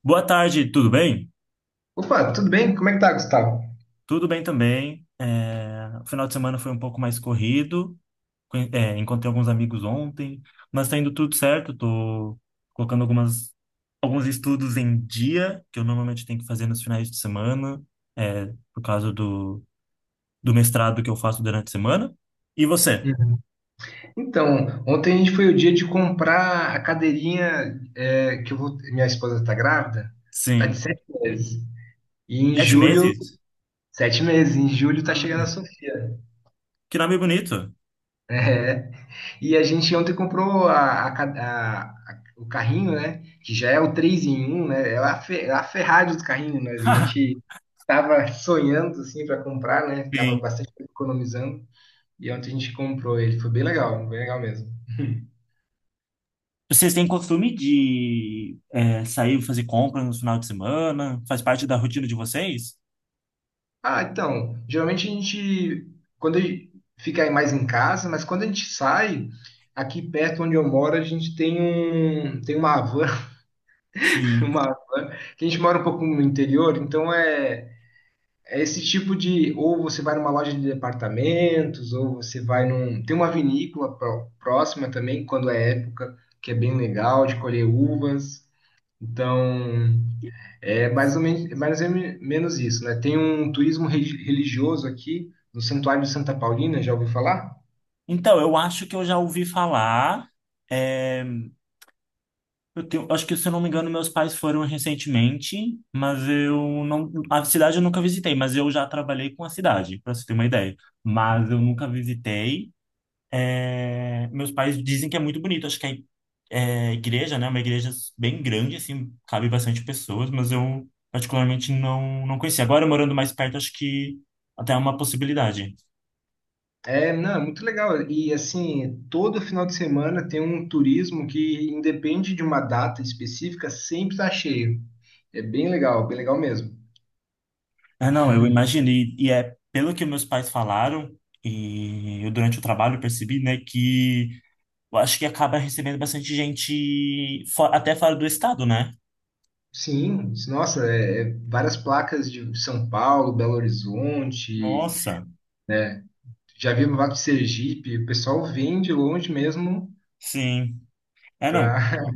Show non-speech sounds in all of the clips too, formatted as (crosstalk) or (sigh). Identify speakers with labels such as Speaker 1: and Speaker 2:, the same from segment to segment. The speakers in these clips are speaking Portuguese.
Speaker 1: Boa tarde, tudo bem?
Speaker 2: Opa, tudo bem? Como é que tá, Gustavo?
Speaker 1: Tudo bem também. O final de semana foi um pouco mais corrido. Encontrei alguns amigos ontem, mas tá indo tudo certo. Tô colocando alguns estudos em dia, que eu normalmente tenho que fazer nos finais de semana, é, por causa do mestrado que eu faço durante a semana. E você?
Speaker 2: Hum. Então, ontem a gente foi o dia de comprar a cadeirinha que eu vou. Minha esposa tá grávida, tá de
Speaker 1: Sim.
Speaker 2: 7 meses. E em
Speaker 1: Sete
Speaker 2: julho,
Speaker 1: meses?
Speaker 2: 7 meses, em julho tá chegando a
Speaker 1: Ai,
Speaker 2: Sofia.
Speaker 1: que nome bonito.
Speaker 2: Né? E a gente ontem comprou a ca- a- o carrinho, né? Que já é o 3 em 1, né? É a Ferrari dos carrinhos, né? A gente
Speaker 1: (laughs)
Speaker 2: tava sonhando, assim, para comprar, né? Tava
Speaker 1: Sim.
Speaker 2: bastante economizando. E ontem a gente comprou ele. Foi bem legal mesmo.
Speaker 1: Vocês têm costume de sair fazer compras no final de semana? Faz parte da rotina de vocês?
Speaker 2: Ah, então, geralmente a gente, quando a gente fica aí mais em casa, mas quando a gente sai, aqui perto onde eu moro, a gente tem uma van, (laughs)
Speaker 1: Sim.
Speaker 2: uma van, que a gente mora um pouco no interior, então é, é esse tipo de, ou você vai numa loja de departamentos, ou você vai num, tem uma vinícola próxima também, quando é época, que é bem legal de colher uvas, então. É mais ou menos isso, né? Tem um turismo religioso aqui no Santuário de Santa Paulina, já ouviu falar?
Speaker 1: Então, eu acho que eu já ouvi falar. é, eu acho que, se eu não me engano, meus pais foram recentemente, mas eu não. A cidade eu nunca visitei, mas eu já trabalhei com a cidade, para você ter uma ideia. Mas eu nunca visitei. É, meus pais dizem que é muito bonito. Acho que é igreja, né? Uma igreja bem grande, assim, cabe bastante pessoas, mas eu particularmente não conhecia. Agora, morando mais perto, acho que até é uma possibilidade.
Speaker 2: É, não, é muito legal. E assim, todo final de semana tem um turismo que independe de uma data específica, sempre está cheio. É bem legal mesmo.
Speaker 1: Ah, não, eu imagino. E é pelo que meus pais falaram, e eu durante o trabalho percebi, né, que eu acho que acaba recebendo bastante gente até fora do estado, né?
Speaker 2: Sim, nossa, é várias placas de São Paulo, Belo Horizonte,
Speaker 1: Nossa,
Speaker 2: né? Já vi no Vale de Sergipe, o pessoal vem de longe mesmo
Speaker 1: sim. É, não.
Speaker 2: para.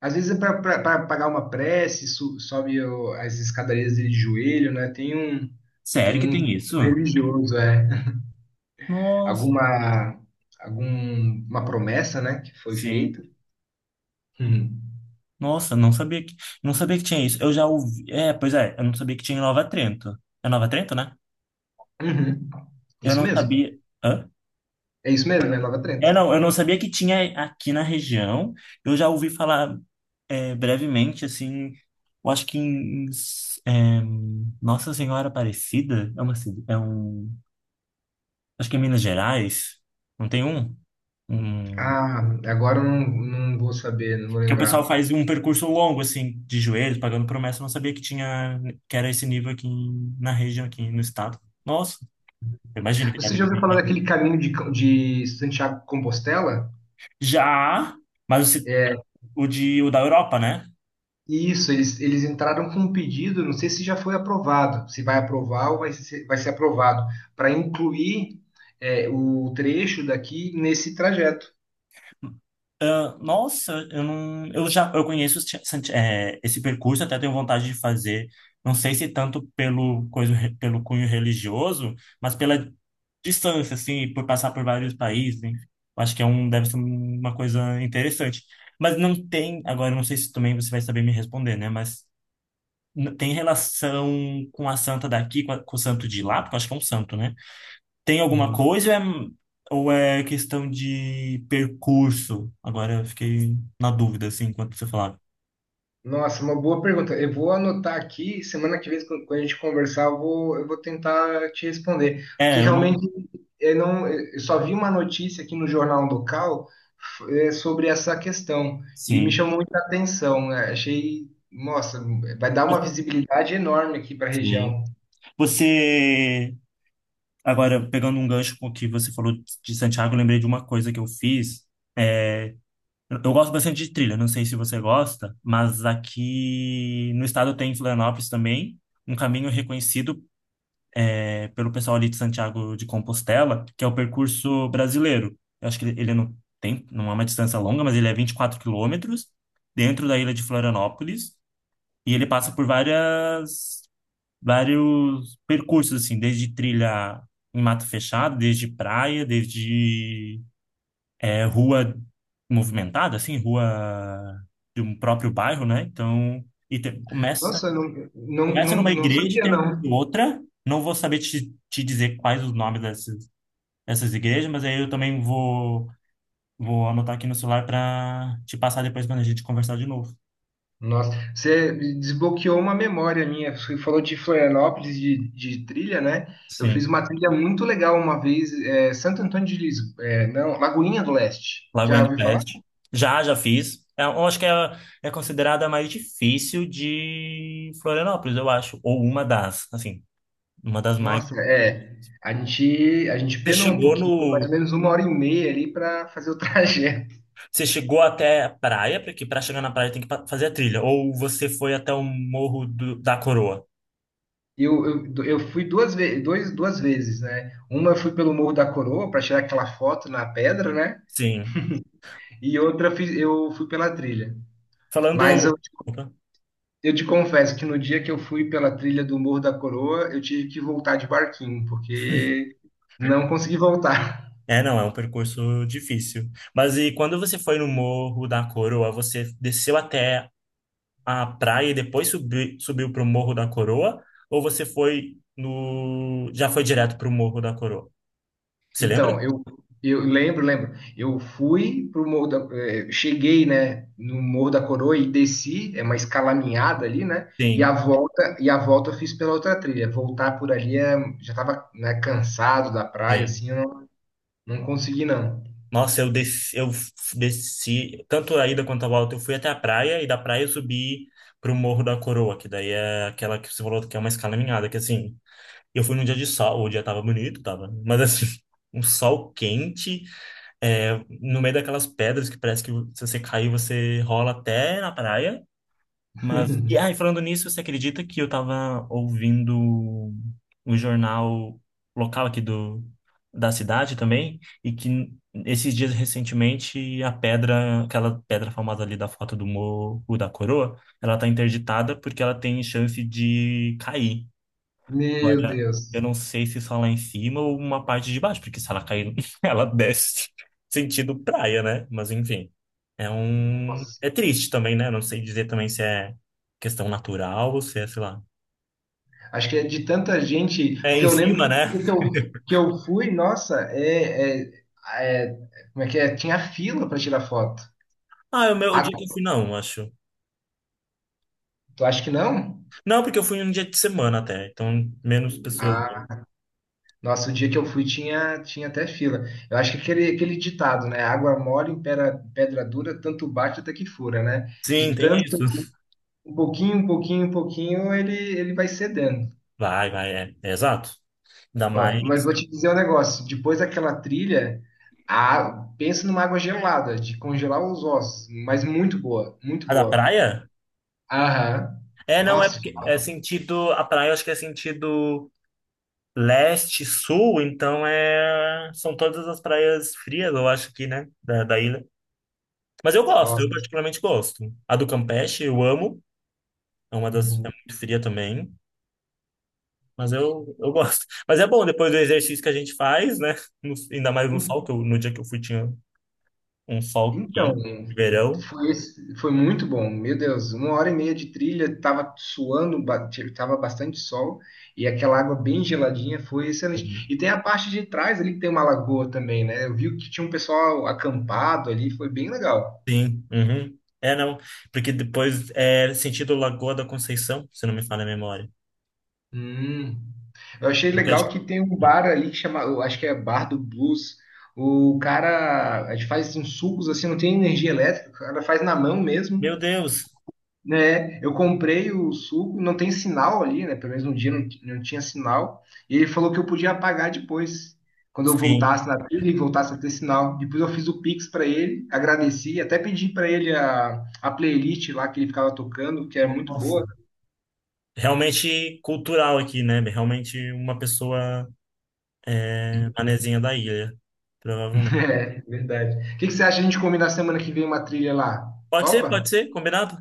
Speaker 2: Às vezes, é para pagar uma prece, sobe as escadarias de joelho, né? Tem um, tem
Speaker 1: Sério que
Speaker 2: um
Speaker 1: tem isso?
Speaker 2: pouco religioso, é.
Speaker 1: Nossa,
Speaker 2: Alguma, alguma promessa, né, que foi feita.
Speaker 1: sim.
Speaker 2: Uhum.
Speaker 1: Nossa, não sabia que tinha isso. Eu já ouvi. É, pois é, eu não sabia que tinha em Nova Trento. É Nova Trento, né?
Speaker 2: Uhum.
Speaker 1: Eu
Speaker 2: Isso
Speaker 1: não
Speaker 2: mesmo.
Speaker 1: sabia. Hã?
Speaker 2: É isso mesmo, né? Nova Trento.
Speaker 1: É, não, eu não sabia que tinha aqui na região. Eu já ouvi falar brevemente, assim. Eu acho que em é, Nossa Senhora Aparecida é uma é um. Acho que é Minas Gerais. Não tem um? Um,
Speaker 2: Ah, agora eu não, não vou saber, não vou
Speaker 1: que o
Speaker 2: lembrar.
Speaker 1: pessoal faz um percurso longo, assim, de joelhos, pagando promessa. Eu não sabia que que era esse nível aqui na região, aqui no estado. Nossa. Eu imagino que
Speaker 2: Você já
Speaker 1: deve
Speaker 2: ouviu
Speaker 1: vir.
Speaker 2: falar daquele caminho de Santiago de Compostela?
Speaker 1: Já, mas
Speaker 2: É,
Speaker 1: o da Europa, né?
Speaker 2: isso, eles entraram com um pedido, não sei se já foi aprovado, se vai aprovar ou vai ser aprovado, para incluir o trecho daqui nesse trajeto.
Speaker 1: Ah, nossa, eu não, eu já, eu conheço os ti- Santi- eh, esse percurso, até tenho vontade de fazer. Não sei se tanto pelo coisa, pelo cunho religioso, mas pela distância, assim, por passar por vários países. Enfim. Eu acho que é um, deve ser uma coisa interessante. Mas não tem, agora eu não sei se também você vai saber me responder, né? Mas tem relação com a santa daqui, com o santo de lá, porque eu acho que é um santo, né? Tem alguma
Speaker 2: Uhum.
Speaker 1: coisa ou é questão de percurso? Agora eu fiquei na dúvida, assim, enquanto você falava.
Speaker 2: Nossa, uma boa pergunta. Eu vou anotar aqui, semana que vem, quando a gente conversar, eu vou tentar te responder. Porque
Speaker 1: É, eu
Speaker 2: realmente
Speaker 1: não.
Speaker 2: eu não, eu só vi uma notícia aqui no jornal local sobre essa questão e me
Speaker 1: Sim.
Speaker 2: chamou muita atenção, né? Achei, nossa, vai dar uma visibilidade enorme aqui para a
Speaker 1: Sim.
Speaker 2: região.
Speaker 1: Você. Agora, pegando um gancho com o que você falou de Santiago, eu lembrei de uma coisa que eu fiz. É, eu gosto bastante de trilha, não sei se você gosta, mas aqui no estado tem em Florianópolis também um caminho reconhecido pelo pessoal ali de Santiago de Compostela, que é o percurso brasileiro. Eu acho que ele não tem, não é uma distância longa, mas ele é 24 quilômetros dentro da ilha de Florianópolis e ele passa por vários percursos, assim, desde trilha em mato fechado, desde praia, desde rua movimentada, assim, rua de um próprio bairro, né? Então, começa,
Speaker 2: Nossa, não, não,
Speaker 1: começa
Speaker 2: não,
Speaker 1: numa
Speaker 2: não
Speaker 1: igreja e
Speaker 2: sabia,
Speaker 1: termina em
Speaker 2: não.
Speaker 1: outra. Não vou saber te dizer quais os nomes das, essas igrejas, mas aí eu também vou anotar aqui no celular para te passar depois quando a gente conversar de novo.
Speaker 2: Nossa, você desbloqueou uma memória minha. Você falou de Florianópolis, de trilha, né? Eu fiz
Speaker 1: Sim,
Speaker 2: uma trilha muito legal uma vez, Santo Antônio de Lisboa, é, não, Lagoinha do Leste. Já
Speaker 1: Lagoinha do
Speaker 2: ouviu falar?
Speaker 1: Pet. Já, já fiz. É, eu acho que é considerada a mais difícil de Florianópolis, eu acho. Ou uma das, assim, uma das mais.
Speaker 2: Nossa, é. A gente
Speaker 1: Você
Speaker 2: penou um
Speaker 1: chegou
Speaker 2: pouquinho, foi mais ou
Speaker 1: no.
Speaker 2: menos uma hora e meia ali para fazer o (laughs) trajeto.
Speaker 1: Você chegou até a praia, porque para chegar na praia tem que fazer a trilha. Ou você foi até o Morro da Coroa.
Speaker 2: Eu, eu fui duas vezes, né? Uma eu fui pelo Morro da Coroa para tirar aquela foto na pedra, né?
Speaker 1: Sim.
Speaker 2: E outra eu fui pela trilha.
Speaker 1: Falando.
Speaker 2: Mas eu,
Speaker 1: Opa.
Speaker 2: eu te confesso que no dia que eu fui pela trilha do Morro da Coroa, eu tive que voltar de barquinho, porque não consegui voltar. (laughs)
Speaker 1: É, não, é um percurso difícil. Mas e quando você foi no Morro da Coroa, você desceu até a praia e depois subiu para o Morro da Coroa? Ou você foi no... já foi direto para o Morro da Coroa? Você lembra?
Speaker 2: Então, eu lembro, lembro. Eu fui pro cheguei, né, no Morro da Coroa e desci, é uma escalaminhada ali, né? E a
Speaker 1: Sim,
Speaker 2: volta, e a volta eu fiz pela outra trilha. Voltar por ali já estava, né, cansado da praia,
Speaker 1: sim.
Speaker 2: assim, eu não, não consegui não.
Speaker 1: Nossa, eu desci, eu f- desci, tanto a ida quanto a volta, eu fui até a praia e da praia eu subi para o Morro da Coroa, que daí é aquela que você falou que é uma escalaminhada, que assim, eu fui num dia de sol, o dia tava bonito, tava, mas assim, (laughs) um sol quente. É, no meio daquelas pedras que parece que se você cair, você rola até na praia. Mas, e aí,
Speaker 2: (laughs)
Speaker 1: falando nisso, você acredita que eu tava ouvindo o jornal local aqui da cidade também? E que esses dias recentemente aquela pedra famosa ali da foto do Morro da Coroa, ela tá interditada porque ela tem chance de cair.
Speaker 2: Meu
Speaker 1: Agora, eu
Speaker 2: Deus.
Speaker 1: não sei se só lá em cima ou uma parte de baixo, porque se ela cair, (laughs) ela desce sentido praia, né? Mas enfim, é um... É triste também, né? Não sei dizer também se é questão natural ou se é, sei lá...
Speaker 2: Acho que é de tanta gente,
Speaker 1: É
Speaker 2: porque
Speaker 1: em
Speaker 2: eu
Speaker 1: cima,
Speaker 2: lembro
Speaker 1: né?
Speaker 2: que eu,
Speaker 1: (laughs)
Speaker 2: que eu fui, nossa, é- como é que é? Tinha fila para tirar foto.
Speaker 1: Ah, é o meu o
Speaker 2: Ah,
Speaker 1: dia que eu fui, não, acho.
Speaker 2: tu acha que não?
Speaker 1: Não, porque eu fui um dia de semana até, então menos pessoas.
Speaker 2: Ah, nossa, o dia que eu fui tinha até fila. Eu acho que aquele ditado, né? Água mole em pedra, pedra dura, tanto bate até que fura, né?
Speaker 1: Sim,
Speaker 2: De
Speaker 1: tem
Speaker 2: tanto,
Speaker 1: isso.
Speaker 2: um pouquinho, um pouquinho, um pouquinho, ele vai cedendo.
Speaker 1: É, é exato. Ainda
Speaker 2: Ó,
Speaker 1: mais.
Speaker 2: mas vou te dizer um negócio. Depois daquela trilha, pensa numa água gelada, de congelar os ossos. Mas muito boa, muito
Speaker 1: A da
Speaker 2: boa.
Speaker 1: praia?
Speaker 2: Aham.
Speaker 1: É, não, é
Speaker 2: Nossa,
Speaker 1: porque é sentido. A praia eu acho que é sentido. Leste, sul, então é... são todas as praias frias, eu acho aqui, né? Da ilha. Mas eu gosto, eu
Speaker 2: nossa.
Speaker 1: particularmente gosto. A do Campeche eu amo, é uma das... é
Speaker 2: Uhum.
Speaker 1: muito fria também, mas eu gosto. Mas é bom, depois do exercício que a gente faz, né? Ainda mais no sol,
Speaker 2: En-
Speaker 1: no dia que eu fui tinha um sol
Speaker 2: Então,
Speaker 1: quente, verão.
Speaker 2: foi muito bom. Meu Deus, uma hora e meia de trilha, tava suando, tava bastante sol, e aquela água bem geladinha foi excelente. E tem a parte de trás ali que tem uma lagoa também, né? Eu vi que tinha um pessoal acampado ali, foi bem legal.
Speaker 1: Sim, uhum. É, não, porque depois é sentido Lagoa da Conceição, se não me falha a memória.
Speaker 2: Hum. Eu achei
Speaker 1: Porque eu acho
Speaker 2: legal
Speaker 1: que-
Speaker 2: que tem um bar ali que chama, eu acho que é Bar do Blues. O cara a gente faz uns sucos assim, não tem energia elétrica, o cara faz na mão mesmo,
Speaker 1: Meu Deus!
Speaker 2: né? Eu comprei o suco, não tem sinal ali, né? Pelo menos um dia não, não tinha sinal. E ele falou que eu podia apagar depois, quando eu
Speaker 1: Sim.
Speaker 2: voltasse na trilha e voltasse a ter sinal. Depois eu fiz o Pix para ele, agradeci, até pedi para ele a playlist lá que ele ficava tocando, que é muito
Speaker 1: Nossa.
Speaker 2: boa.
Speaker 1: Realmente cultural aqui, né? Realmente uma pessoa manezinha da ilha,
Speaker 2: (laughs)
Speaker 1: provavelmente.
Speaker 2: É, verdade. O que que você acha de a gente combinar semana que vem uma trilha lá?
Speaker 1: Pode
Speaker 2: Topa?
Speaker 1: ser, combinado?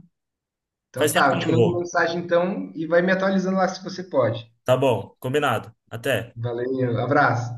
Speaker 1: Faz
Speaker 2: Então
Speaker 1: tempo
Speaker 2: tá,
Speaker 1: que
Speaker 2: eu
Speaker 1: eu
Speaker 2: te
Speaker 1: não
Speaker 2: mando
Speaker 1: vou.
Speaker 2: mensagem então e vai me atualizando lá se você pode.
Speaker 1: Tá bom, combinado. Até.
Speaker 2: Valeu, abraço.